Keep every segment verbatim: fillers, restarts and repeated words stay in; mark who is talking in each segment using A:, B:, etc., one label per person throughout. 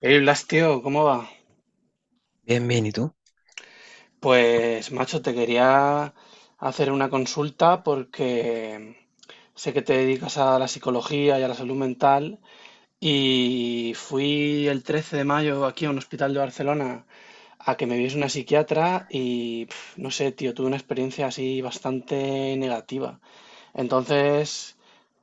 A: Hey Blas, tío, ¿cómo va?
B: Bien, bien, ¿y tú?
A: Pues, macho, te quería hacer una consulta porque sé que te dedicas a la psicología y a la salud mental y fui el trece de mayo aquí a un hospital de Barcelona a que me viese una psiquiatra y, pf, no sé, tío, tuve una experiencia así bastante negativa. Entonces,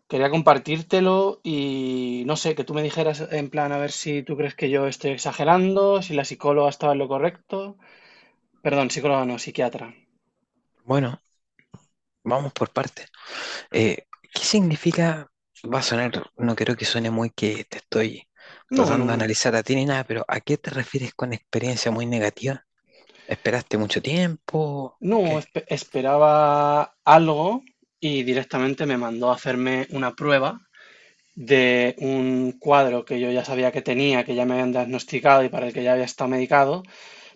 A: quería compartírtelo y, no sé, que tú me dijeras en plan a ver si tú crees que yo estoy exagerando, si la psicóloga estaba en lo correcto. Perdón, psicóloga no, psiquiatra.
B: Bueno, vamos por partes. Eh, ¿qué significa? Va a sonar, no creo que suene muy que te estoy
A: No,
B: tratando
A: no,
B: de
A: no.
B: analizar a ti ni nada, pero ¿a qué te refieres con experiencia muy negativa? ¿Esperaste mucho tiempo?
A: No,
B: ¿Qué?
A: espe- esperaba algo y directamente me mandó a hacerme una prueba de un cuadro que yo ya sabía que tenía, que ya me habían diagnosticado y para el que ya había estado medicado,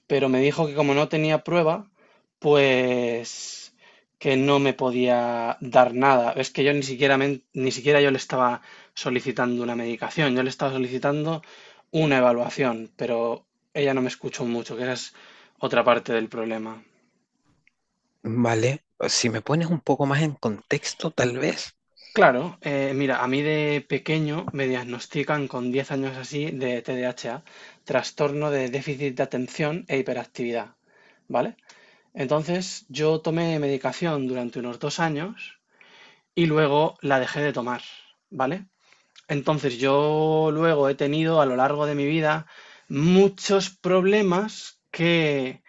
A: pero me dijo que como no tenía prueba, pues que no me podía dar nada. Es que yo ni siquiera, men- ni siquiera yo le estaba solicitando una medicación, yo le estaba solicitando una evaluación, pero ella no me escuchó mucho, que esa es otra parte del problema.
B: Vale, si me pones un poco más en contexto, tal vez.
A: Claro, eh, mira, a mí de pequeño me diagnostican con diez años así de T D A H, trastorno de déficit de atención e hiperactividad, ¿vale? Entonces yo tomé medicación durante unos dos años y luego la dejé de tomar, ¿vale? Entonces yo luego he tenido a lo largo de mi vida muchos problemas que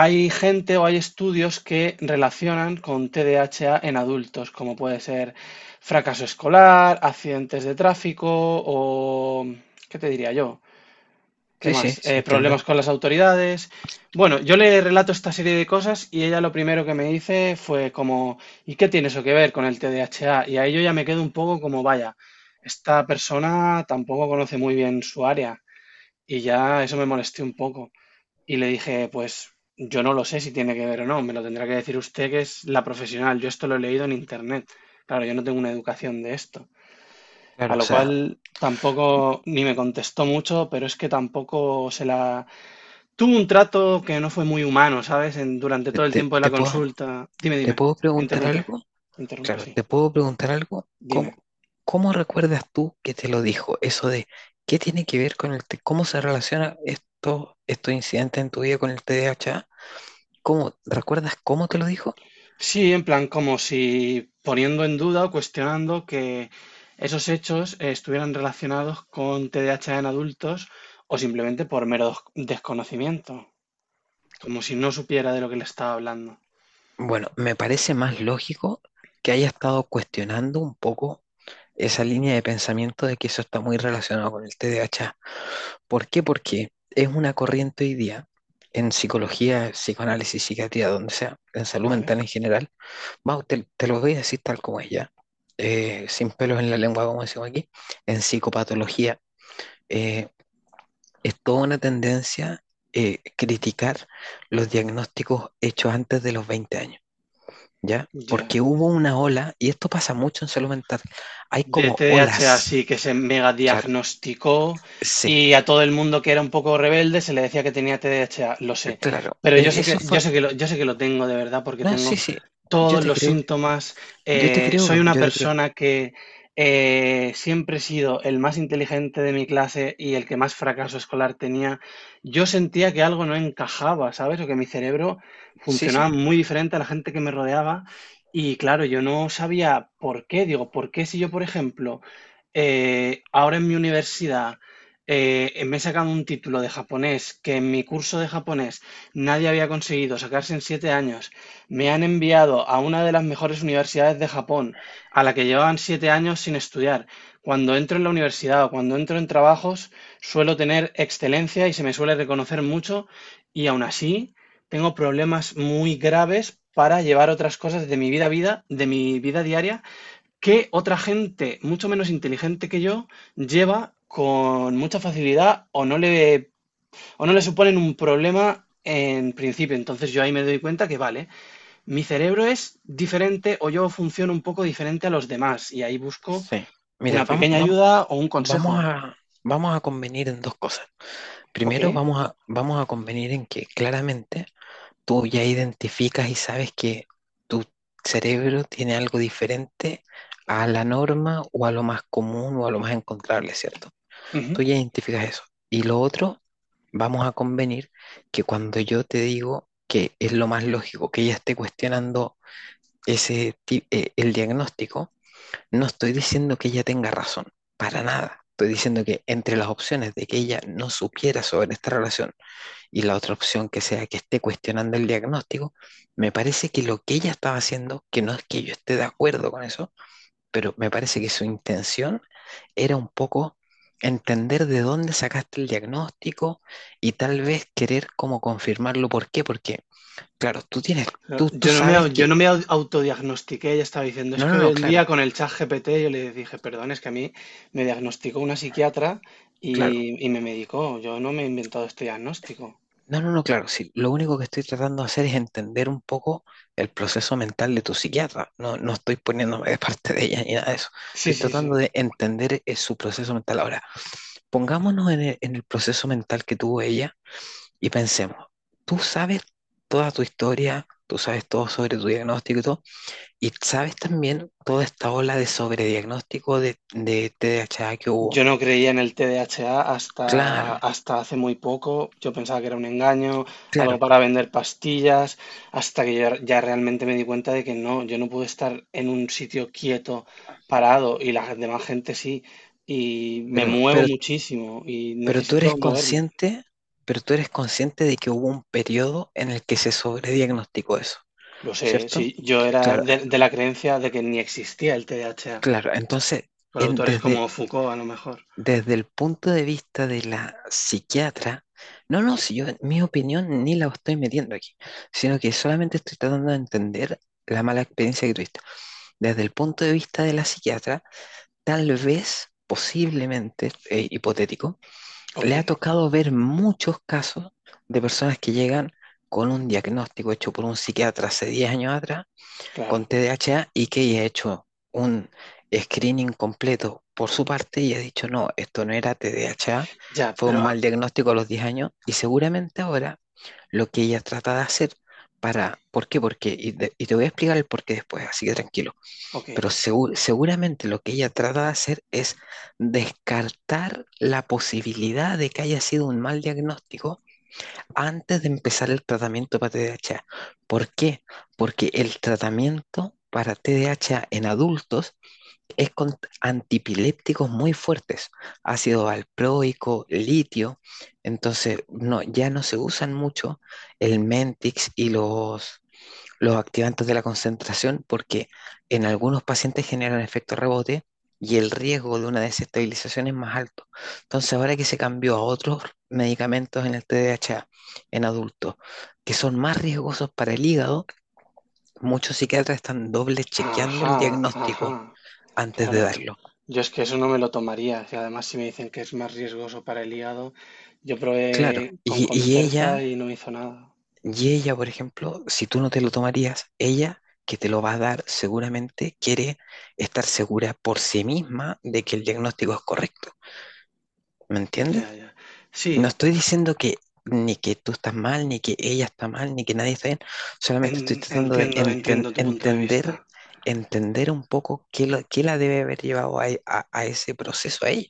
A: hay gente o hay estudios que relacionan con T D A H en adultos, como puede ser fracaso escolar, accidentes de tráfico o, ¿qué te diría yo? ¿Qué
B: Sí, sí,
A: más?
B: sí,
A: Eh,
B: entiendo.
A: problemas con las autoridades. Bueno, yo le relato esta serie de cosas y ella lo primero que me dice fue como, ¿y qué tiene eso que ver con el T D A H? Y ahí yo ya me quedo un poco como, vaya, esta persona tampoco conoce muy bien su área y ya eso me molesté un poco. Y le dije, pues yo no lo sé si tiene que ver o no, me lo tendrá que decir usted que es la profesional, yo esto lo he leído en internet. Claro, yo no tengo una educación de esto. A
B: Claro, o
A: lo cual
B: sea,
A: tampoco ni me contestó mucho, pero es que tampoco se la tuvo un trato que no fue muy humano, ¿sabes? En- durante
B: te,
A: todo el
B: te-
A: tiempo de
B: te
A: la
B: puedo,
A: consulta. Dime,
B: te
A: dime.
B: puedo preguntar
A: Interrumpe.
B: algo.
A: Interrumpe,
B: Claro,
A: sí.
B: te puedo preguntar algo.
A: Dime.
B: ¿Cómo, cómo recuerdas tú que te lo dijo? Eso de qué tiene que ver con el T- cómo se relaciona esto, estos incidentes en tu vida con el T D A H. ¿Cómo recuerdas cómo te lo dijo?
A: Sí, en plan, como si poniendo en duda o cuestionando que esos hechos eh, estuvieran relacionados con T D A H en adultos o simplemente por mero des- desconocimiento, como si no supiera de lo que le estaba hablando.
B: Bueno, me parece más lógico que haya estado cuestionando un poco esa línea de pensamiento de que eso está muy relacionado con el T D A H. ¿Por qué? Porque es una corriente hoy día en psicología, psicoanálisis, psiquiatría, donde sea, en salud
A: ¿Vale?
B: mental en general. Mau, te, te lo voy a decir tal como es ya, eh, sin pelos en la lengua, como decimos aquí, en psicopatología. eh, es toda una tendencia eh, criticar los diagnósticos hechos antes de los veinte años, ¿ya?
A: Ya.
B: Porque hubo una ola, y esto pasa mucho en salud mental, hay
A: De
B: como
A: T D A H,
B: olas,
A: así que se mega
B: claro,
A: diagnosticó
B: sí,
A: y a todo el mundo que era un poco rebelde se le decía que tenía T D A H, lo sé.
B: claro.
A: Pero
B: Eh,
A: yo sé
B: eso
A: que, yo
B: fue,
A: sé que lo, yo sé que lo tengo de verdad porque
B: no, sí,
A: tengo
B: sí, yo
A: todos
B: te
A: los
B: creo,
A: síntomas.
B: yo te
A: Eh, soy
B: creo,
A: una
B: yo te creo,
A: persona que eh, siempre he sido el más inteligente de mi clase y el que más fracaso escolar tenía. Yo sentía que algo no encajaba, ¿sabes? O que mi cerebro
B: sí,
A: funcionaba
B: sí,
A: muy diferente a la gente que me rodeaba. Y claro, yo no sabía por qué. Digo, ¿por qué si yo, por ejemplo, eh, ahora en mi universidad eh, me he sacado un título de japonés que en mi curso de japonés nadie había conseguido sacarse en siete años? Me han enviado a una de las mejores universidades de Japón, a la que llevaban siete años sin estudiar. Cuando entro en la universidad o cuando entro en trabajos, suelo tener excelencia y se me suele reconocer mucho, y aún así tengo problemas muy graves para llevar otras cosas de mi vida a vida, de mi vida diaria, que otra gente mucho menos inteligente que yo lleva con mucha facilidad o no le, o no le suponen un problema en principio. Entonces yo ahí me doy cuenta que vale, mi cerebro es diferente o yo funciono un poco diferente a los demás y ahí busco
B: sí. Mira,
A: una
B: vamos,
A: pequeña
B: vamos,
A: ayuda o un
B: vamos
A: consejo.
B: a, vamos a convenir en dos cosas.
A: Ok.
B: Primero vamos a, vamos a convenir en que claramente tú ya identificas y sabes que tu cerebro tiene algo diferente a la norma o a lo más común o a lo más encontrable, ¿cierto? Tú
A: Ujú.
B: ya identificas eso. Y lo otro, vamos a convenir que cuando yo te digo que es lo más lógico que ella esté cuestionando ese, ti- eh, el diagnóstico, no estoy diciendo que ella tenga razón, para nada. Estoy diciendo que entre las opciones de que ella no supiera sobre esta relación, y la otra opción que sea que esté cuestionando el diagnóstico, me parece que lo que ella estaba haciendo, que no es que yo esté de acuerdo con eso, pero me parece que su intención era un poco entender de dónde sacaste el diagnóstico y tal vez querer como confirmarlo. ¿Por qué? Porque, claro, tú tienes, tú, tú
A: Yo no me,
B: sabes
A: au- yo no
B: que,
A: me au- autodiagnostiqué, ella estaba diciendo, es
B: no,
A: que
B: no, no,
A: un día
B: claro,
A: con el chat G P T yo le dije, perdón, es que a mí me diagnosticó una psiquiatra
B: claro,
A: y, y me medicó, yo no me he inventado este diagnóstico.
B: no, no, no, claro, sí. Lo único que estoy tratando de hacer es entender un poco el proceso mental de tu psiquiatra. No, no estoy poniéndome de parte de ella ni nada de eso. Estoy
A: Sí, sí, sí.
B: tratando de entender eh, su proceso mental. Ahora, pongámonos en el, en el proceso mental que tuvo ella y pensemos, tú sabes toda tu historia, tú sabes todo sobre tu diagnóstico y todo, y sabes también toda esta ola de sobrediagnóstico de, de T D A H que
A: Yo
B: hubo.
A: no creía en el T D A H
B: Claro,
A: hasta, hasta hace muy poco. Yo pensaba que era un engaño, algo
B: claro,
A: para vender pastillas, hasta que ya, ya realmente me di cuenta de que no, yo no puedo estar en un sitio quieto, parado, y la demás gente sí. Y me
B: pero,
A: muevo
B: pero
A: muchísimo y
B: Pero tú eres
A: necesito moverme.
B: consciente, pero tú eres consciente de que hubo un periodo en el que se sobrediagnosticó eso,
A: Lo sé,
B: ¿cierto?
A: sí, yo era
B: Claro,
A: de,
B: eh,
A: de la creencia de que ni existía el T D A H,
B: claro. Entonces,
A: por
B: en-
A: autores
B: desde,
A: como Foucault a lo mejor.
B: desde el punto de vista de la psiquiatra, no, no, si yo, mi opinión ni la estoy metiendo aquí, sino que solamente estoy tratando de entender la mala experiencia que tuviste. Desde el punto de vista de la psiquiatra, tal vez, posiblemente, eh, hipotético,
A: Ok,
B: le ha tocado ver muchos casos de personas que llegan con un diagnóstico hecho por un psiquiatra hace diez años atrás con
A: claro.
B: T D A H y que ella ha hecho un screening completo por su parte y ha dicho, no, esto no era T D A H,
A: Ya,
B: fue un
A: pero,
B: mal
A: ah,
B: diagnóstico a los diez años y seguramente ahora lo que ella trata de hacer para, ¿por qué? Porque, y, de- y te voy a explicar el por qué después, así que tranquilo.
A: ok.
B: Pero segu- seguramente lo que ella trata de hacer es descartar la posibilidad de que haya sido un mal diagnóstico antes de empezar el tratamiento para T D A H. ¿Por qué? Porque el tratamiento para T D A H en adultos es con antipilépticos muy fuertes, ácido valproico, litio. Entonces, no, ya no se usan mucho el Mentix y los los activantes de la concentración porque en algunos pacientes generan efecto rebote y el riesgo de una desestabilización es más alto. Entonces, ahora que se cambió a otros medicamentos en el T D A H en adultos que son más riesgosos para el hígado, muchos psiquiatras están doble chequeando el
A: Ajá, ajá.
B: diagnóstico antes de
A: Claro,
B: darlo.
A: yo es que eso no me lo tomaría. Y además, si me dicen que es más riesgoso para el hígado, yo
B: Claro,
A: probé con
B: y, y
A: Concerta
B: ella
A: y no hizo nada.
B: Y ella, por ejemplo, si tú no te lo tomarías, ella que te lo va a dar seguramente quiere estar segura por sí misma de que el diagnóstico es correcto. ¿Me entiendes?
A: Ya, ya.
B: No
A: Sí,
B: estoy diciendo que ni que tú estás mal, ni que ella está mal, ni que nadie está bien. Solamente estoy
A: en-
B: tratando de
A: entiendo,
B: enten-
A: entiendo tu punto de
B: entender,
A: vista.
B: entender un poco qué, lo- qué la debe haber llevado a, e- a- a ese proceso a ella.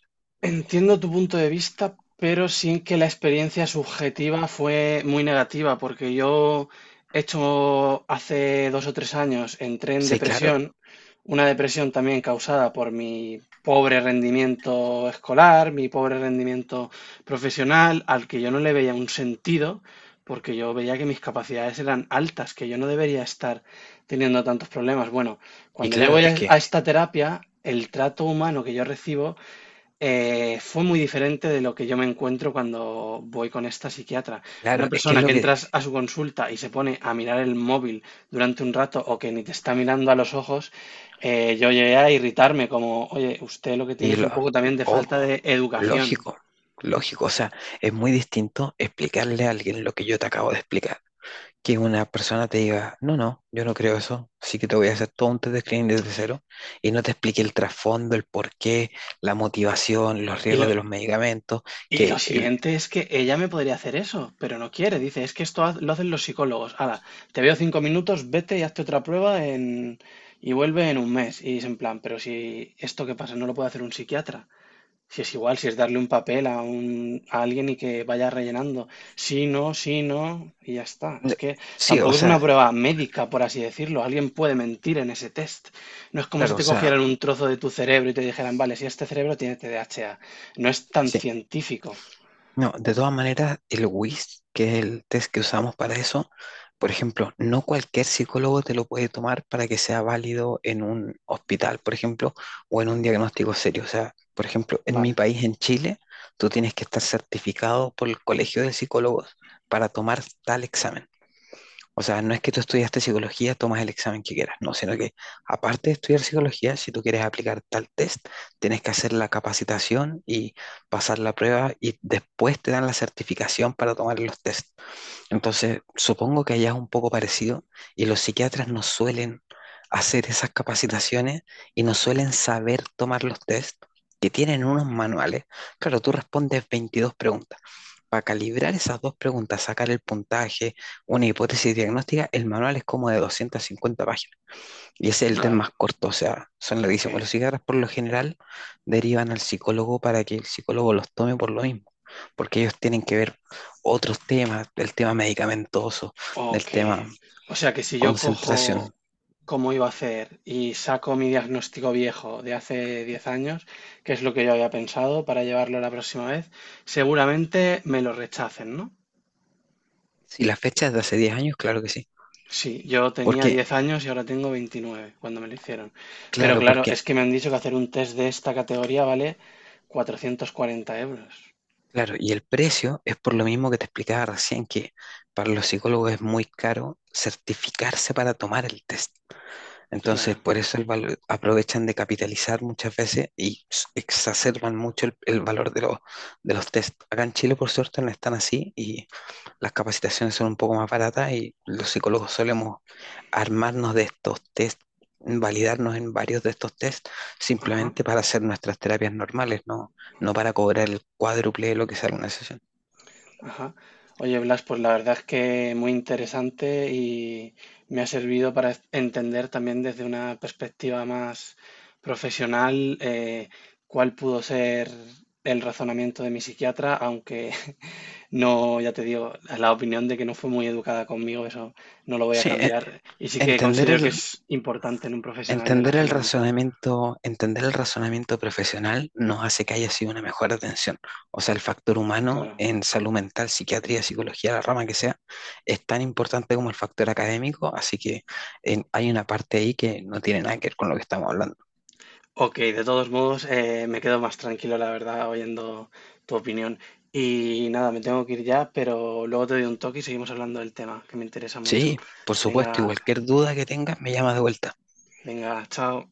A: Entiendo tu punto de vista, pero sin que la experiencia subjetiva fue muy negativa, porque yo he hecho hace dos o tres años, entré en
B: Sí, claro.
A: depresión, una depresión también causada por mi pobre rendimiento escolar, mi pobre rendimiento profesional, al que yo no le veía un sentido, porque yo veía que mis capacidades eran altas, que yo no debería estar teniendo tantos problemas. Bueno,
B: Y
A: cuando yo
B: claro,
A: voy
B: es
A: a
B: que,
A: a esta terapia, el trato humano que yo recibo eh, fue muy diferente de lo que yo me encuentro cuando voy con esta psiquiatra.
B: claro,
A: Una
B: es que es
A: persona
B: lo
A: que
B: que,
A: entras a su consulta y se pone a mirar el móvil durante un rato o que ni te está mirando a los ojos, eh, yo llegué a irritarme como, oye, usted lo que tiene
B: Y
A: es
B: lo,
A: un poco también de
B: oh,
A: falta de educación.
B: lógico, lógico. O sea, es muy distinto explicarle a alguien lo que yo te acabo de explicar. Que una persona te diga, no, no, yo no creo eso, así que te voy a hacer todo un test de screening desde cero y no te explique el trasfondo, el porqué, la motivación, los
A: Y
B: riesgos
A: lo,
B: de los medicamentos.
A: y lo
B: que el-
A: siguiente es que ella me podría hacer eso, pero no quiere. Dice, es que esto haz- lo hacen los psicólogos. Hala, te veo cinco minutos, vete y hazte otra prueba en, y vuelve en un mes. Y es en plan, pero si esto que pasa no lo puede hacer un psiquiatra. Si es igual, si es darle un papel a un, a alguien y que vaya rellenando. Sí, no, sí, no, y ya está. Es que
B: sí, o
A: tampoco es
B: sea,
A: una prueba médica, por así decirlo. Alguien puede mentir en ese test. No es como si
B: claro, o
A: te
B: sea,
A: cogieran un trozo de tu cerebro y te dijeran, vale, si este cerebro tiene T D A H. No es tan
B: sí.
A: científico.
B: No, de todas maneras, el WIS, que es el test que usamos para eso, por ejemplo, no cualquier psicólogo te lo puede tomar para que sea válido en un hospital, por ejemplo, o en un diagnóstico serio. O sea, por ejemplo, en mi
A: Vale,
B: país, en Chile, tú tienes que estar certificado por el Colegio de Psicólogos para tomar tal examen. O sea, no es que tú estudiaste psicología, tomas el examen que quieras, no, sino que aparte de estudiar psicología, si tú quieres aplicar tal test, tienes que hacer la capacitación y pasar la prueba y después te dan la certificación para tomar los test. Entonces, supongo que allá es un poco parecido y los psiquiatras no suelen hacer esas capacitaciones y no suelen saber tomar los test que tienen unos manuales. Claro, tú respondes veintidós preguntas. Para calibrar esas dos preguntas, sacar el puntaje, una hipótesis diagnóstica, el manual es como de doscientas cincuenta páginas. Y ese es el tema más
A: vale,
B: corto, o sea, son
A: ok.
B: larguísimos. Los psiquiatras por lo general derivan al psicólogo para que el psicólogo los tome por lo mismo, porque ellos tienen que ver otros temas, del tema medicamentoso, del
A: Ok.
B: tema
A: O sea que si yo cojo
B: concentración.
A: cómo iba a hacer y saco mi diagnóstico viejo de hace diez años, que es lo que yo había pensado para llevarlo la próxima vez, seguramente me lo rechacen, ¿no?
B: Si la fecha es de hace diez años, claro que sí.
A: Sí, yo tenía
B: Porque,
A: diez años y ahora tengo veintinueve cuando me lo hicieron. Pero
B: claro,
A: claro,
B: porque,
A: es que me han dicho que hacer un test de esta categoría vale cuatrocientos cuarenta euros.
B: claro, y el precio es por lo mismo que te explicaba recién, que para los psicólogos es muy caro certificarse para tomar el test. Entonces,
A: Claro.
B: por eso el valor, aprovechan de capitalizar muchas veces y s- exacerban mucho el, el valor de, los de los test. Acá en Chile, por suerte, no están así y las capacitaciones son un poco más baratas y los psicólogos solemos armarnos de estos test, validarnos en varios de estos test,
A: Ajá.
B: simplemente para hacer nuestras terapias normales, no, no para cobrar el cuádruple de lo que sale una sesión.
A: Ajá. Oye, Blas, pues la verdad es que muy interesante y me ha servido para es- entender también desde una perspectiva más profesional eh, cuál pudo ser el razonamiento de mi psiquiatra, aunque no, ya te digo, la opinión de que no fue muy educada conmigo, eso no lo voy a
B: Sí, e-
A: cambiar. Y sí que
B: entender
A: considero que
B: el,
A: es importante en un profesional de la
B: Entender el
A: salud mental.
B: razonamiento, entender el razonamiento profesional nos hace que haya sido una mejor atención. O sea, el factor humano
A: Claro.
B: en salud mental, psiquiatría, psicología, la rama que sea, es tan importante como el factor académico, así que en- hay una parte ahí que no tiene nada que ver con lo que estamos hablando.
A: Ok, de todos modos, eh, me quedo más tranquilo, la verdad, oyendo tu opinión. Y nada, me tengo que ir ya, pero luego te doy un toque y seguimos hablando del tema, que me interesa mucho.
B: Sí, por supuesto, y
A: Venga,
B: cualquier duda que tengas me llamas de vuelta.
A: venga, chao.